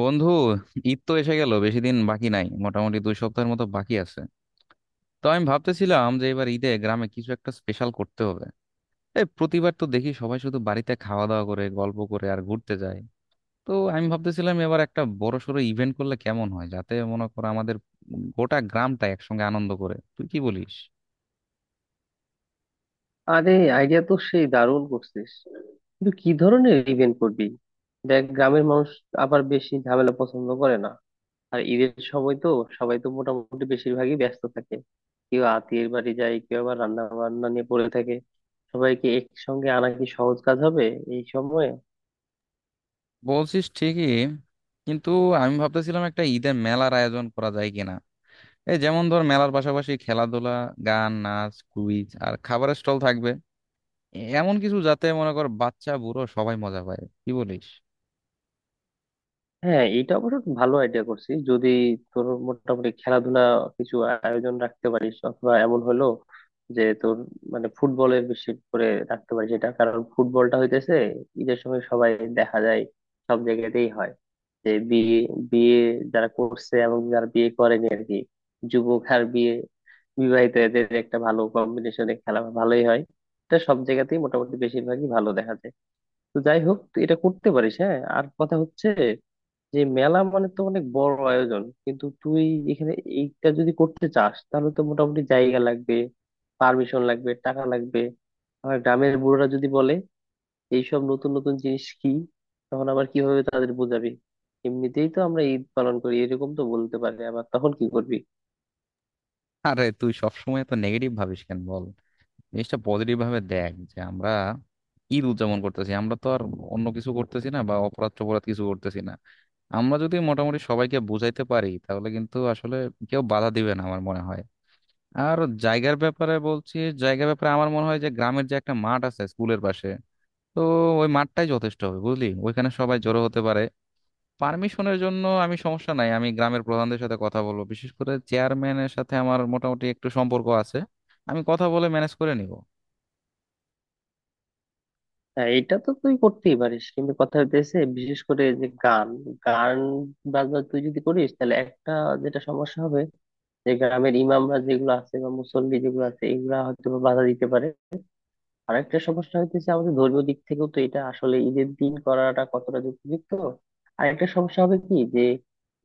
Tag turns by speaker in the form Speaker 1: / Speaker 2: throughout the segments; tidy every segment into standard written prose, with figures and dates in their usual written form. Speaker 1: বন্ধু, ঈদ তো এসে গেল, বেশি দিন বাকি নাই, মোটামুটি 2 সপ্তাহের মতো বাকি আছে। তো আমি ভাবতেছিলাম যে এবার ঈদে গ্রামে কিছু একটা স্পেশাল করতে হবে। এই প্রতিবার তো দেখি সবাই শুধু বাড়িতে খাওয়া দাওয়া করে, গল্প করে আর ঘুরতে যায়। তো আমি ভাবতেছিলাম এবার একটা বড় সড়ো ইভেন্ট করলে কেমন হয়, যাতে মনে করো আমাদের গোটা গ্রামটা একসঙ্গে আনন্দ করে। তুই কি বলিস?
Speaker 2: আরে আইডিয়া তো সেই দারুণ করছিস। কিন্তু কি ধরনের ইভেন্ট করবি? দেখ, গ্রামের মানুষ আবার বেশি ঝামেলা পছন্দ করে না। আর ঈদের সময় তো সবাই তো মোটামুটি বেশিরভাগই ব্যস্ত থাকে। কেউ আত্মীয়ের বাড়ি যায়, কেউ আবার রান্না বান্না নিয়ে পড়ে থাকে। সবাইকে একসঙ্গে আনা কি সহজ কাজ হবে এই সময়ে?
Speaker 1: বলছিস ঠিকই, কিন্তু আমি ভাবতেছিলাম একটা ঈদের মেলার আয়োজন করা যায় কিনা। এই যেমন ধর, মেলার পাশাপাশি খেলাধুলা, গান, নাচ, কুইজ আর খাবারের স্টল থাকবে। এমন কিছু যাতে মনে কর বাচ্চা বুড়ো সবাই মজা পায়। কি বলিস?
Speaker 2: হ্যাঁ, এটা অবশ্য ভালো আইডিয়া। করছি যদি তোর মোটামুটি খেলাধুলা কিছু আয়োজন রাখতে পারিস, অথবা এমন হলো যে তোর ফুটবলের বেশি করে রাখতে পারিস। এটা কারণ ফুটবলটা হইতেছে ঈদের সময় সবাই দেখা যায় সব জায়গাতেই হয়, যে বিয়ে বিয়ে যারা করছে এবং যারা বিয়ে করেনি আর কি। যুবক আর বিবাহিত, এদের একটা ভালো কম্বিনেশনে খেলা ভালোই হয়। এটা সব জায়গাতেই মোটামুটি বেশিরভাগই ভালো দেখা যায়। তো যাই হোক, তুই এটা করতে পারিস। হ্যাঁ, আর কথা হচ্ছে যে মেলা মানে তো অনেক বড় আয়োজন, কিন্তু তুই এখানে এইটা যদি করতে চাস তাহলে তো মোটামুটি জায়গা লাগবে, পারমিশন লাগবে, টাকা লাগবে। আবার গ্রামের বুড়োরা যদি বলে এইসব নতুন নতুন জিনিস কি, তখন আবার কিভাবে তাদের বোঝাবি? এমনিতেই তো আমরা ঈদ পালন করি, এরকম তো বলতে পারে, আবার তখন কি করবি?
Speaker 1: আরে, তুই সবসময় তো নেগেটিভ ভাবিস কেন, বল। জিনিসটা পজিটিভ ভাবে দেখ যে আমরা ঈদ উদযাপন করতেছি, আমরা তো আর অন্য কিছু করতেছি না বা অপরাধ টপরাধ কিছু করতেছি না। আমরা যদি মোটামুটি সবাইকে বুঝাইতে পারি তাহলে কিন্তু আসলে কেউ বাধা দিবে না আমার মনে হয়। আর জায়গার ব্যাপারে বলছি, জায়গার ব্যাপারে আমার মনে হয় যে গ্রামের যে একটা মাঠ আছে স্কুলের পাশে, তো ওই মাঠটাই যথেষ্ট হবে বুঝলি, ওইখানে সবাই জড়ো হতে পারে। পারমিশনের জন্য আমি সমস্যা নাই, আমি গ্রামের প্রধানদের সাথে কথা বলবো, বিশেষ করে চেয়ারম্যানের সাথে আমার মোটামুটি একটু সম্পর্ক আছে। আমি কথা বলে ম্যানেজ করে নিব।
Speaker 2: হ্যাঁ, এটা তো তুই করতেই পারিস, কিন্তু কথা হইতেছে বিশেষ করে যে গান গান বাজনা তুই যদি করিস তাহলে একটা যেটা সমস্যা হবে, যে গ্রামের ইমামরা যেগুলো আছে বা মুসল্লি যেগুলো আছে এগুলা হয়তো বা বাধা দিতে পারে। আর একটা সমস্যা হইতেছে, আমাদের ধর্মীয় দিক থেকেও তো এটা আসলে ঈদের দিন করাটা কতটা যুক্তিযুক্ত। আর একটা সমস্যা হবে কি, যে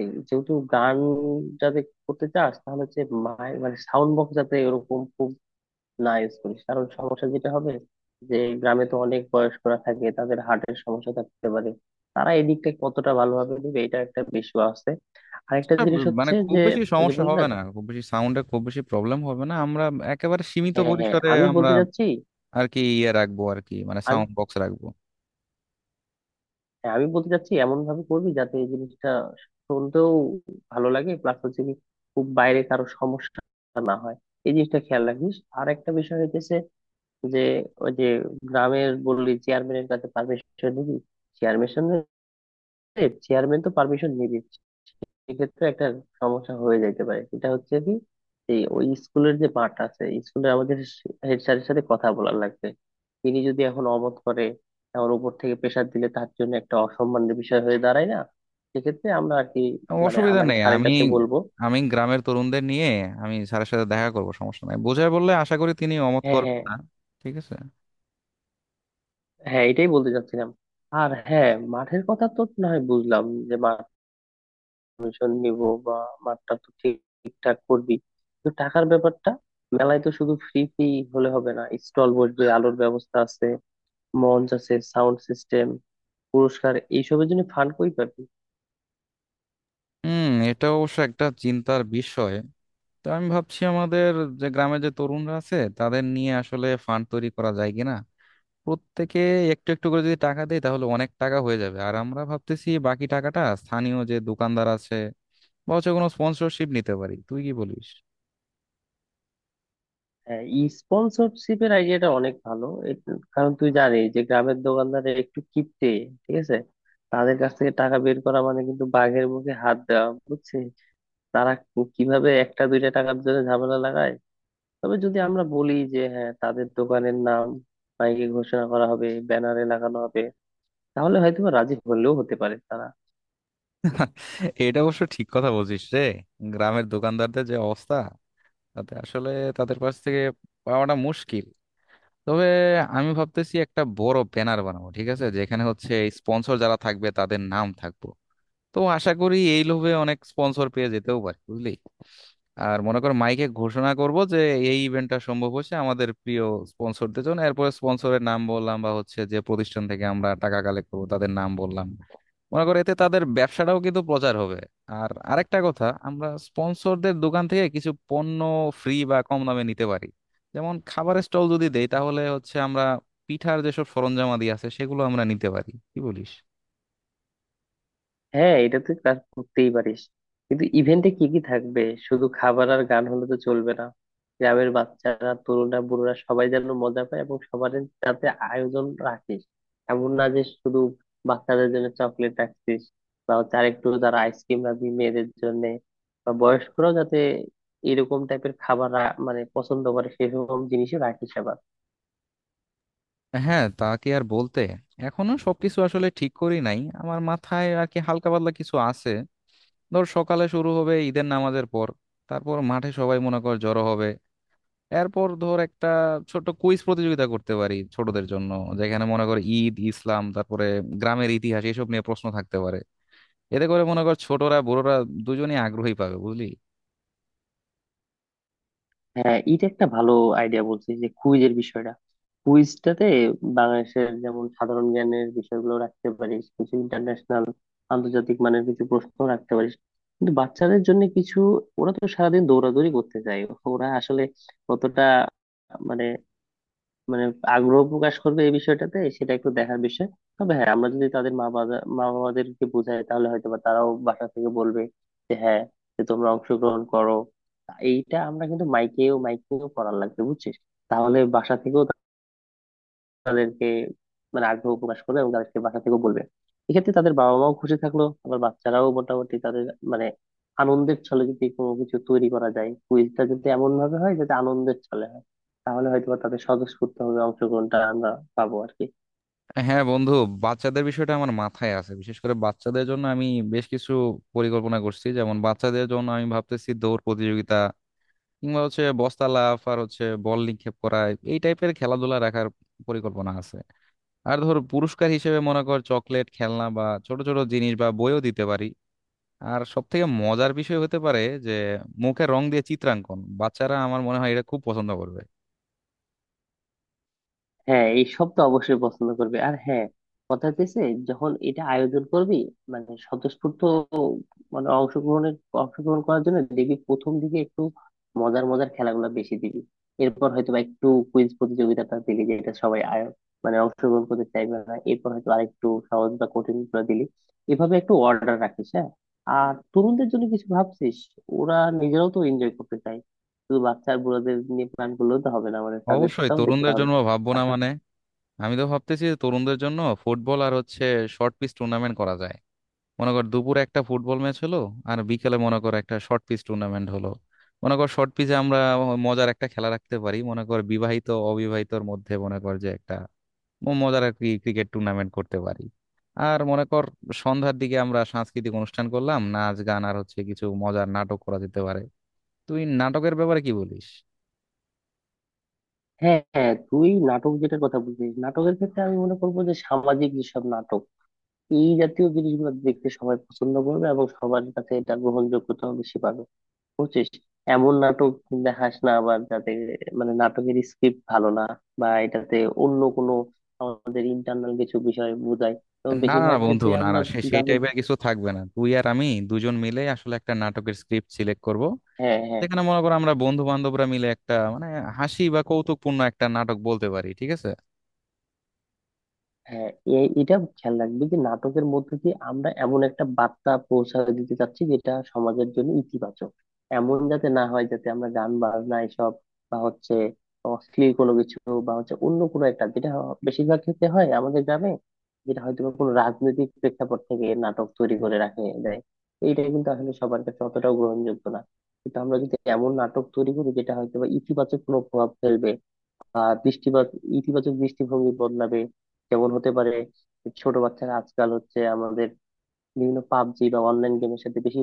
Speaker 2: এই যেহেতু গান যাতে করতে চাস, তাহলে হচ্ছে মানে সাউন্ড বক্স যাতে এরকম খুব না ইউজ করিস, কারণ সমস্যা যেটা হবে যে গ্রামে তো অনেক বয়স্করা থাকে, তাদের হার্টের সমস্যা থাকতে পারে। তারা এই দিকটা কতটা ভালোভাবে নিবে এটা একটা বিষয় আছে। আরেকটা
Speaker 1: এটা
Speaker 2: জিনিস
Speaker 1: মানে
Speaker 2: হচ্ছে
Speaker 1: খুব
Speaker 2: যে
Speaker 1: বেশি
Speaker 2: ওই যে
Speaker 1: সমস্যা
Speaker 2: বললি না।
Speaker 1: হবে না, খুব বেশি সাউন্ডে খুব বেশি প্রবলেম হবে না, আমরা একেবারে সীমিত
Speaker 2: হ্যাঁ, হ্যাঁ,
Speaker 1: পরিসরে
Speaker 2: আমি
Speaker 1: আমরা
Speaker 2: বলতে চাচ্ছি
Speaker 1: আর কি ইয়ে রাখবো, আর কি মানে
Speaker 2: আমি
Speaker 1: সাউন্ড বক্স রাখবো।
Speaker 2: হ্যাঁ, আমি বলতে চাচ্ছি এমন ভাবে করবি যাতে এই জিনিসটা শুনতেও ভালো লাগে, প্লাস হচ্ছে কি খুব বাইরে কারো সমস্যা না হয়, এই জিনিসটা খেয়াল রাখিস। আর একটা বিষয় হইতেছে যে, ওই যে গ্রামের বললি চেয়ারম্যানের কাছে পারমিশন নিবি, চেয়ারম্যান চেয়ারম্যান তো পারমিশন নিবি, এক্ষেত্রে একটা সমস্যা হয়ে যাইতে পারে। সেটা হচ্ছে কি, এই ওই স্কুলের যে মাঠ আছে, স্কুলের আমাদের হেড স্যারের সাথে কথা বলার লাগবে। তিনি যদি এখন অমত করে, এখন উপর থেকে প্রেসার দিলে তার জন্য একটা অসম্মানের বিষয় হয়ে দাঁড়ায় না? সেক্ষেত্রে আমরা আর কি, মানে
Speaker 1: অসুবিধা
Speaker 2: আমরা
Speaker 1: নেই,
Speaker 2: স্যারের
Speaker 1: আমি
Speaker 2: কাছে বলবো।
Speaker 1: আমি গ্রামের তরুণদের নিয়ে, আমি স্যারের সাথে দেখা করবো, সমস্যা নাই, বোঝায় বললে আশা করি তিনি অমত
Speaker 2: হ্যাঁ,
Speaker 1: করবেন
Speaker 2: হ্যাঁ।
Speaker 1: না। ঠিক আছে।
Speaker 2: হ্যাঁ, এটাই বলতে চাচ্ছিলাম। আর হ্যাঁ, মাঠের কথা তো না হয় বুঝলাম, যে কমিশন নিব, বা মাঠটা তো ঠিকঠাক করবি। কিন্তু টাকার ব্যাপারটা, মেলায় তো শুধু ফ্রি ফ্রি হলে হবে না, স্টল বসবে, আলোর ব্যবস্থা আছে, মঞ্চ আছে, সাউন্ড সিস্টেম, পুরস্কার, এইসবের জন্য ফান্ড কই পাবি?
Speaker 1: হুম, এটা অবশ্য একটা চিন্তার বিষয়। তো আমি ভাবছি আমাদের যে গ্রামে যে তরুণরা আছে তাদের নিয়ে আসলে ফান্ড তৈরি করা যায় কিনা। প্রত্যেকে একটু একটু করে যদি টাকা দেয় তাহলে অনেক টাকা হয়ে যাবে, আর আমরা ভাবতেছি বাকি টাকাটা স্থানীয় যে দোকানদার আছে বা হচ্ছে কোনো স্পন্সরশিপ নিতে পারি। তুই কি বলিস?
Speaker 2: হ্যাঁ, ই স্পন্সরশিপের আইডিয়াটা অনেক ভালো। কারণ তুই জানিস যে গ্রামের দোকানদারে একটু কিপটে। ঠিক আছে, তাদের কাছ থেকে টাকা বের করা মানে কিন্তু বাঘের মুখে হাত দেওয়া, বুঝছিস। তারা কিভাবে একটা দুইটা টাকার জন্য ঝামেলা লাগায়। তবে যদি আমরা বলি যে হ্যাঁ, তাদের দোকানের নাম মাইকে ঘোষণা করা হবে, ব্যানারে লাগানো হবে, তাহলে হয়তো বা রাজি হলেও হতে পারে তারা।
Speaker 1: এটা অবশ্য ঠিক কথা বলছিস রে। গ্রামের দোকানদারদের যে অবস্থা, তাতে আসলে তাদের কাছ থেকে পাওয়াটা মুশকিল। তবে আমি ভাবতেছি একটা বড় ব্যানার বানাবো, ঠিক আছে, যেখানে হচ্ছে স্পন্সর যারা থাকবে তাদের নাম থাকবে। তো আশা করি এই লোভে অনেক স্পন্সর পেয়ে যেতেও পারি বুঝলি। আর মনে কর মাইকে ঘোষণা করব যে এই ইভেন্টটা সম্ভব হচ্ছে আমাদের প্রিয় স্পন্সরদের জন্য, এরপরে স্পন্সরের নাম বললাম বা হচ্ছে যে প্রতিষ্ঠান থেকে আমরা টাকা কালেক্ট করবো তাদের নাম বললাম। মনে করো এতে তাদের ব্যবসাটাও কিন্তু প্রচার হবে। আর আরেকটা কথা, আমরা স্পন্সরদের দোকান থেকে কিছু পণ্য ফ্রি বা কম দামে নিতে পারি। যেমন খাবারের স্টল যদি দেই তাহলে হচ্ছে আমরা পিঠার যেসব সরঞ্জামাদি আছে সেগুলো আমরা নিতে পারি। কি বলিস?
Speaker 2: হ্যাঁ, এটা তুই কাজ করতেই পারিস, কিন্তু ইভেন্টে কি কি থাকবে? শুধু খাবার আর গান হলে তো চলবে না। গ্রামের বাচ্চারা, তরুণরা, বুড়োরা সবাই যেন মজা পায় এবং সবার যাতে আয়োজন রাখিস। এমন না যে শুধু বাচ্চাদের জন্য চকলেট রাখছিস, বা হচ্ছে আরেকটু যারা আইসক্রিম রাখবি মেয়েদের জন্য, বা বয়স্করাও যাতে এরকম টাইপের খাবার মানে পছন্দ করে সেরকম জিনিসও রাখিস আবার।
Speaker 1: হ্যাঁ, তা কি আর বলতে। এখনো সবকিছু আসলে ঠিক করি নাই, আমার মাথায় আর কি হালকা পাতলা কিছু আছে। ধর সকালে শুরু হবে ঈদের নামাজের পর, তারপর মাঠে সবাই মনে কর জড়ো হবে। এরপর ধর একটা ছোট কুইজ প্রতিযোগিতা করতে পারি ছোটদের জন্য, যেখানে মনে কর ঈদ, ইসলাম, তারপরে গ্রামের ইতিহাস এসব নিয়ে প্রশ্ন থাকতে পারে। এতে করে মনে কর ছোটরা বড়রা দুজনেই আগ্রহী পাবে বুঝলি।
Speaker 2: হ্যাঁ, এটা একটা ভালো আইডিয়া বলছিস, যে কুইজের বিষয়টা। কুইজটাতে বাংলাদেশের যেমন সাধারণ জ্ঞানের বিষয়গুলো রাখতে পারিস, কিছু ইন্টারন্যাশনাল আন্তর্জাতিক মানের কিছু প্রশ্ন রাখতে পারিস। কিন্তু বাচ্চাদের জন্য কিছু, ওরা তো সারাদিন দৌড়াদৌড়ি করতে চায়, ওরা আসলে কতটা মানে মানে আগ্রহ প্রকাশ করবে এই বিষয়টাতে সেটা একটু দেখার বিষয়। তবে হ্যাঁ, আমরা যদি তাদের মা বাবাদেরকে বোঝাই তাহলে হয়তো বা তারাও বাসা থেকে বলবে যে হ্যাঁ, যে তোমরা অংশগ্রহণ করো। এইটা আমরা কিন্তু মাইকেও মাইকেও করার লাগবে, বুঝছিস। তাহলে বাসা থেকেও তাদেরকে মানে আগ্রহ প্রকাশ করবে এবং তাদেরকে বাসা থেকেও বলবে। এক্ষেত্রে তাদের বাবা মাও খুশি থাকলো, আবার বাচ্চারাও মোটামুটি তাদের মানে আনন্দের ছলে যদি কোনো কিছু তৈরি করা যায়, কুইজটা যদি এমন ভাবে হয় যাতে আনন্দের ছলে হয়, তাহলে হয়তো বা তাদের স্বতঃস্ফূর্ত ভাবে অংশগ্রহণটা আমরা পাবো আর কি।
Speaker 1: হ্যাঁ বন্ধু, বাচ্চাদের বিষয়টা আমার মাথায় আছে, বিশেষ করে বাচ্চাদের জন্য আমি বেশ কিছু পরিকল্পনা করছি। যেমন বাচ্চাদের জন্য আমি ভাবতেছি দৌড় প্রতিযোগিতা কিংবা হচ্ছে বস্তা লাফ আর হচ্ছে বল নিক্ষেপ করা, এই টাইপের খেলাধুলা রাখার পরিকল্পনা আছে। আর ধর পুরস্কার হিসেবে মনে কর চকলেট, খেলনা বা ছোট ছোট জিনিস বা বইও দিতে পারি। আর সব থেকে মজার বিষয় হতে পারে যে মুখে রং দিয়ে চিত্রাঙ্কন, বাচ্চারা আমার মনে হয় এটা খুব পছন্দ করবে।
Speaker 2: হ্যাঁ, এইসব তো অবশ্যই পছন্দ করবে। আর হ্যাঁ, কথা হচ্ছে যখন এটা আয়োজন করবি, মানে স্বতঃস্ফূর্ত মানে অংশগ্রহণ করার জন্য দেখবি প্রথম দিকে একটু মজার মজার খেলাগুলো বেশি দিবি, এরপর হয়তো বা একটু কুইজ প্রতিযোগিতাটা দিলি যেটা সবাই মানে অংশগ্রহণ করতে চাইবে না, এরপর হয়তো আরেকটু সহজ বা কঠিন করে দিলি। এভাবে একটু অর্ডার রাখিস। হ্যাঁ, আর তরুণদের জন্য কিছু ভাবছিস? ওরা নিজেরাও তো এনজয় করতে চায়। শুধু বাচ্চা আর বুড়োদের নিয়ে প্ল্যান করলেও তো হবে না, মানে
Speaker 1: অবশ্যই
Speaker 2: তাদেরটাও দেখতে
Speaker 1: তরুণদের
Speaker 2: হবে।
Speaker 1: জন্য ভাববো না মানে, আমি তো ভাবতেছি যে তরুণদের জন্য ফুটবল আর হচ্ছে শর্ট পিচ টুর্নামেন্ট করা যায়। মনে কর দুপুরে একটা ফুটবল ম্যাচ হলো, আর বিকেলে মনে কর একটা শর্ট পিচ টুর্নামেন্ট হলো। মনে কর শর্ট পিচে আমরা মজার একটা খেলা রাখতে পারি, মনে কর বিবাহিত অবিবাহিতর মধ্যে মনে কর যে একটা মজার আর কি ক্রিকেট টুর্নামেন্ট করতে পারি। আর মনে কর সন্ধ্যার দিকে আমরা সাংস্কৃতিক অনুষ্ঠান করলাম, নাচ, গান আর হচ্ছে কিছু মজার নাটক করা যেতে পারে। তুই নাটকের ব্যাপারে কি বলিস?
Speaker 2: হ্যাঁ, হ্যাঁ, তুই নাটক যেটার কথা বলছিস, নাটকের ক্ষেত্রে আমি মনে করবো যে সামাজিক যেসব নাটক, এই জাতীয় জিনিসগুলো দেখতে সবাই পছন্দ করবে এবং সবার কাছে এটা গ্রহণযোগ্যতাও বেশি পাবে, বুঝছিস। এমন নাটক দেখাস না আবার যাতে মানে নাটকের স্ক্রিপ্ট ভালো না, বা এটাতে অন্য কোনো আমাদের ইন্টারনাল কিছু বিষয় বোঝায়, তো
Speaker 1: না না না
Speaker 2: বেশিরভাগ
Speaker 1: বন্ধু,
Speaker 2: ক্ষেত্রে
Speaker 1: না না,
Speaker 2: আমরা
Speaker 1: সেই
Speaker 2: গ্রামের।
Speaker 1: টাইপের কিছু থাকবে না। তুই আর আমি দুজন মিলে আসলে একটা নাটকের স্ক্রিপ্ট সিলেক্ট করব,
Speaker 2: হ্যাঁ হ্যাঁ
Speaker 1: যেখানে মনে করো আমরা বন্ধু বান্ধবরা মিলে একটা মানে হাসি বা কৌতুকপূর্ণ একটা নাটক বলতে পারি, ঠিক আছে।
Speaker 2: হ্যাঁ, এটা খেয়াল রাখবে যে নাটকের মধ্যে দিয়ে আমরা এমন একটা বার্তা পৌঁছায় দিতে চাচ্ছি যেটা সমাজের জন্য ইতিবাচক। এমন যাতে না হয় যাতে আমরা গান বাজনা এসব, বা হচ্ছে অশ্লীল কোনো কিছু, বা হচ্ছে অন্য কোনো একটা যেটা বেশিরভাগ ক্ষেত্রে হয় আমাদের গ্রামে, যেটা হয়তো বা কোনো রাজনৈতিক প্রেক্ষাপট থেকে নাটক তৈরি করে রাখে দেয়। এইটা কিন্তু আসলে সবার কাছে অতটাও গ্রহণযোগ্য না। কিন্তু আমরা যদি এমন নাটক তৈরি করি যেটা হয়তো বা ইতিবাচক কোনো প্রভাব ফেলবে। আহ দৃষ্টিপাত, ইতিবাচক দৃষ্টিভঙ্গি বদলাবে। যেমন হতে পারে ছোট বাচ্চারা আজকাল হচ্ছে আমাদের বিভিন্ন পাবজি বা অনলাইন গেমের সাথে বেশি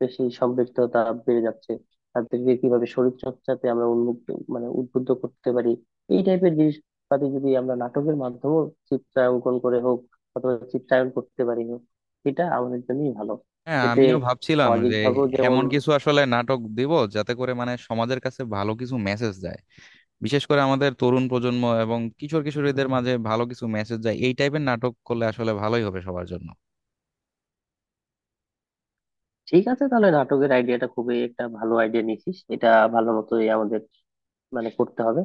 Speaker 2: বেশি সম্পৃক্ততা বেড়ে যাচ্ছে। তাদেরকে কিভাবে শরীর চর্চাতে আমরা উন্মুক্ত মানে উদ্বুদ্ধ করতে পারি, এই টাইপের জিনিসপাতি যদি আমরা নাটকের মাধ্যমেও চিত্রাঙ্কন করে হোক অথবা চিত্রায়ন করতে পারি হোক, এটা আমাদের জন্যই ভালো।
Speaker 1: হ্যাঁ,
Speaker 2: এতে
Speaker 1: আমিও ভাবছিলাম
Speaker 2: সামাজিক
Speaker 1: যে
Speaker 2: ভাবেও যেমন
Speaker 1: এমন কিছু আসলে নাটক দিব যাতে করে মানে সমাজের কাছে ভালো কিছু মেসেজ যায়, বিশেষ করে আমাদের তরুণ প্রজন্ম এবং কিশোর কিশোরীদের মাঝে ভালো কিছু মেসেজ যায়। এই টাইপের নাটক করলে আসলে ভালোই হবে সবার জন্য।
Speaker 2: ঠিক আছে। তাহলে নাটকের আইডিয়াটা খুবই একটা ভালো আইডিয়া নিয়েছিস, এটা ভালো মতোই আমাদের মানে করতে হবে।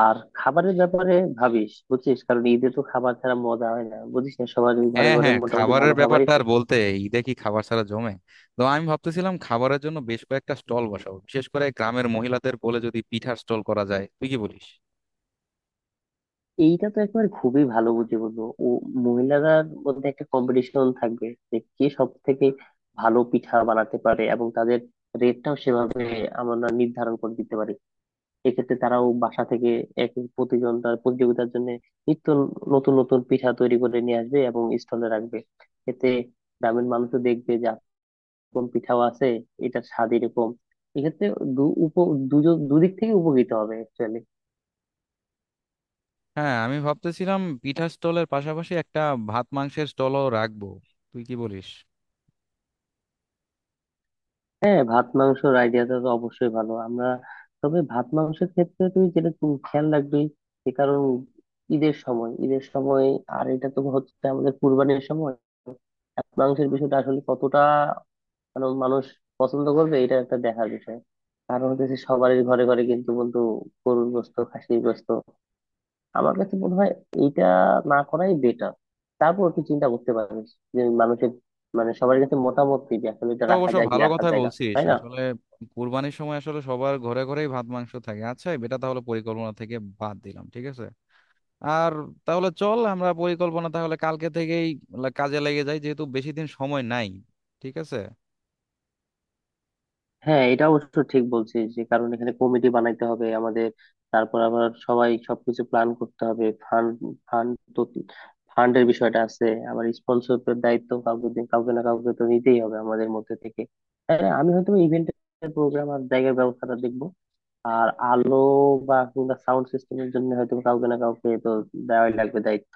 Speaker 2: আর খাবারের ব্যাপারে ভাবিস, বুঝছিস, কারণ ঈদে তো খাবার ছাড়া মজা হয় না, বুঝিস না সবার ঘরে
Speaker 1: হ্যাঁ
Speaker 2: ঘরে
Speaker 1: হ্যাঁ,
Speaker 2: মোটামুটি
Speaker 1: খাবারের
Speaker 2: ভালো খাবারই
Speaker 1: ব্যাপারটা আর
Speaker 2: থাকে।
Speaker 1: বলতে। ঈদে কি খাবার ছাড়া জমে? তো আমি ভাবতেছিলাম খাবারের জন্য বেশ কয়েকটা স্টল বসাবো, বিশেষ করে গ্রামের মহিলাদের বলে যদি পিঠার স্টল করা যায়। তুই কি বলিস?
Speaker 2: এইটা তো একবার খুবই ভালো বুঝে বলবো। ও, মহিলাদের মধ্যে একটা কম্পিটিশন থাকবে যে কে সব থেকে ভালো পিঠা বানাতে পারে, এবং তাদের রেটটাও সেভাবে আমরা নির্ধারণ করে দিতে পারি। এক্ষেত্রে তারাও বাসা থেকে এক এক প্রতিজন তার প্রতিযোগিতার জন্য নিত্য নতুন নতুন পিঠা তৈরি করে নিয়ে আসবে এবং স্টলে রাখবে। এতে গ্রামের মানুষও দেখবে যে এরকম পিঠাও আছে, এটার স্বাদ এরকম। এক্ষেত্রে দু উপ দুজন দুদিক থেকে উপকৃত হবে অ্যাকচুয়ালি।
Speaker 1: হ্যাঁ, আমি ভাবতেছিলাম পিঠার স্টলের পাশাপাশি একটা ভাত মাংসের স্টলও রাখবো। তুই কি বলিস?
Speaker 2: হ্যাঁ, ভাত মাংসের আইডিয়াটা তো অবশ্যই ভালো আমরা। তবে ভাত মাংসের ক্ষেত্রে তুই যেটা তুমি খেয়াল রাখবি যে কারণ ঈদের সময়, আর এটা তো হচ্ছে আমাদের কুরবানির সময়, ভাত মাংসের বিষয়টা আসলে কতটা মানে মানুষ পছন্দ করবে এটা একটা দেখার বিষয়। কারণ হচ্ছে সবারই ঘরে ঘরে কিন্তু বন্ধু গরুর গোশত, খাসির গোশত। আমার কাছে মনে হয় এইটা না করাই বেটার। তারপর তুই চিন্তা করতে পারিস যে মানুষের মানে সবার কাছে মতামত কি, যে আসলে এটা
Speaker 1: এটা
Speaker 2: রাখা
Speaker 1: অবশ্য, এটা
Speaker 2: যায় কি
Speaker 1: ভালো
Speaker 2: রাখা
Speaker 1: কথাই
Speaker 2: যায় না,
Speaker 1: বলছিস
Speaker 2: তাই না?
Speaker 1: আসলে। কুরবানির সময় আসলে সবার ঘরে ঘরেই ভাত মাংস থাকে। আচ্ছা, এটা তাহলে পরিকল্পনা থেকে বাদ দিলাম, ঠিক আছে। আর তাহলে চল আমরা পরিকল্পনা তাহলে কালকে থেকেই কাজে লেগে যাই, যেহেতু বেশি দিন সময় নাই। ঠিক আছে।
Speaker 2: হ্যাঁ, এটা অবশ্য ঠিক বলছিস যে কারণ এখানে কমিটি বানাইতে হবে আমাদের। তারপর আবার সবাই সবকিছু প্ল্যান করতে হবে। ফান্ড ফান্ড তো ফান্ডের বিষয়টা আছে, আবার স্পন্সরের দায়িত্ব কাউকে না কাউকে তো নিতেই হবে আমাদের মধ্যে থেকে। হ্যাঁ, আমি হয়তো ইভেন্টের প্রোগ্রাম আর জায়গার ব্যবস্থাটা দেখবো। আর আলো বা কিংবা সাউন্ড সিস্টেমের জন্য হয়তো কাউকে না কাউকে তো দেওয়াই লাগবে দায়িত্ব।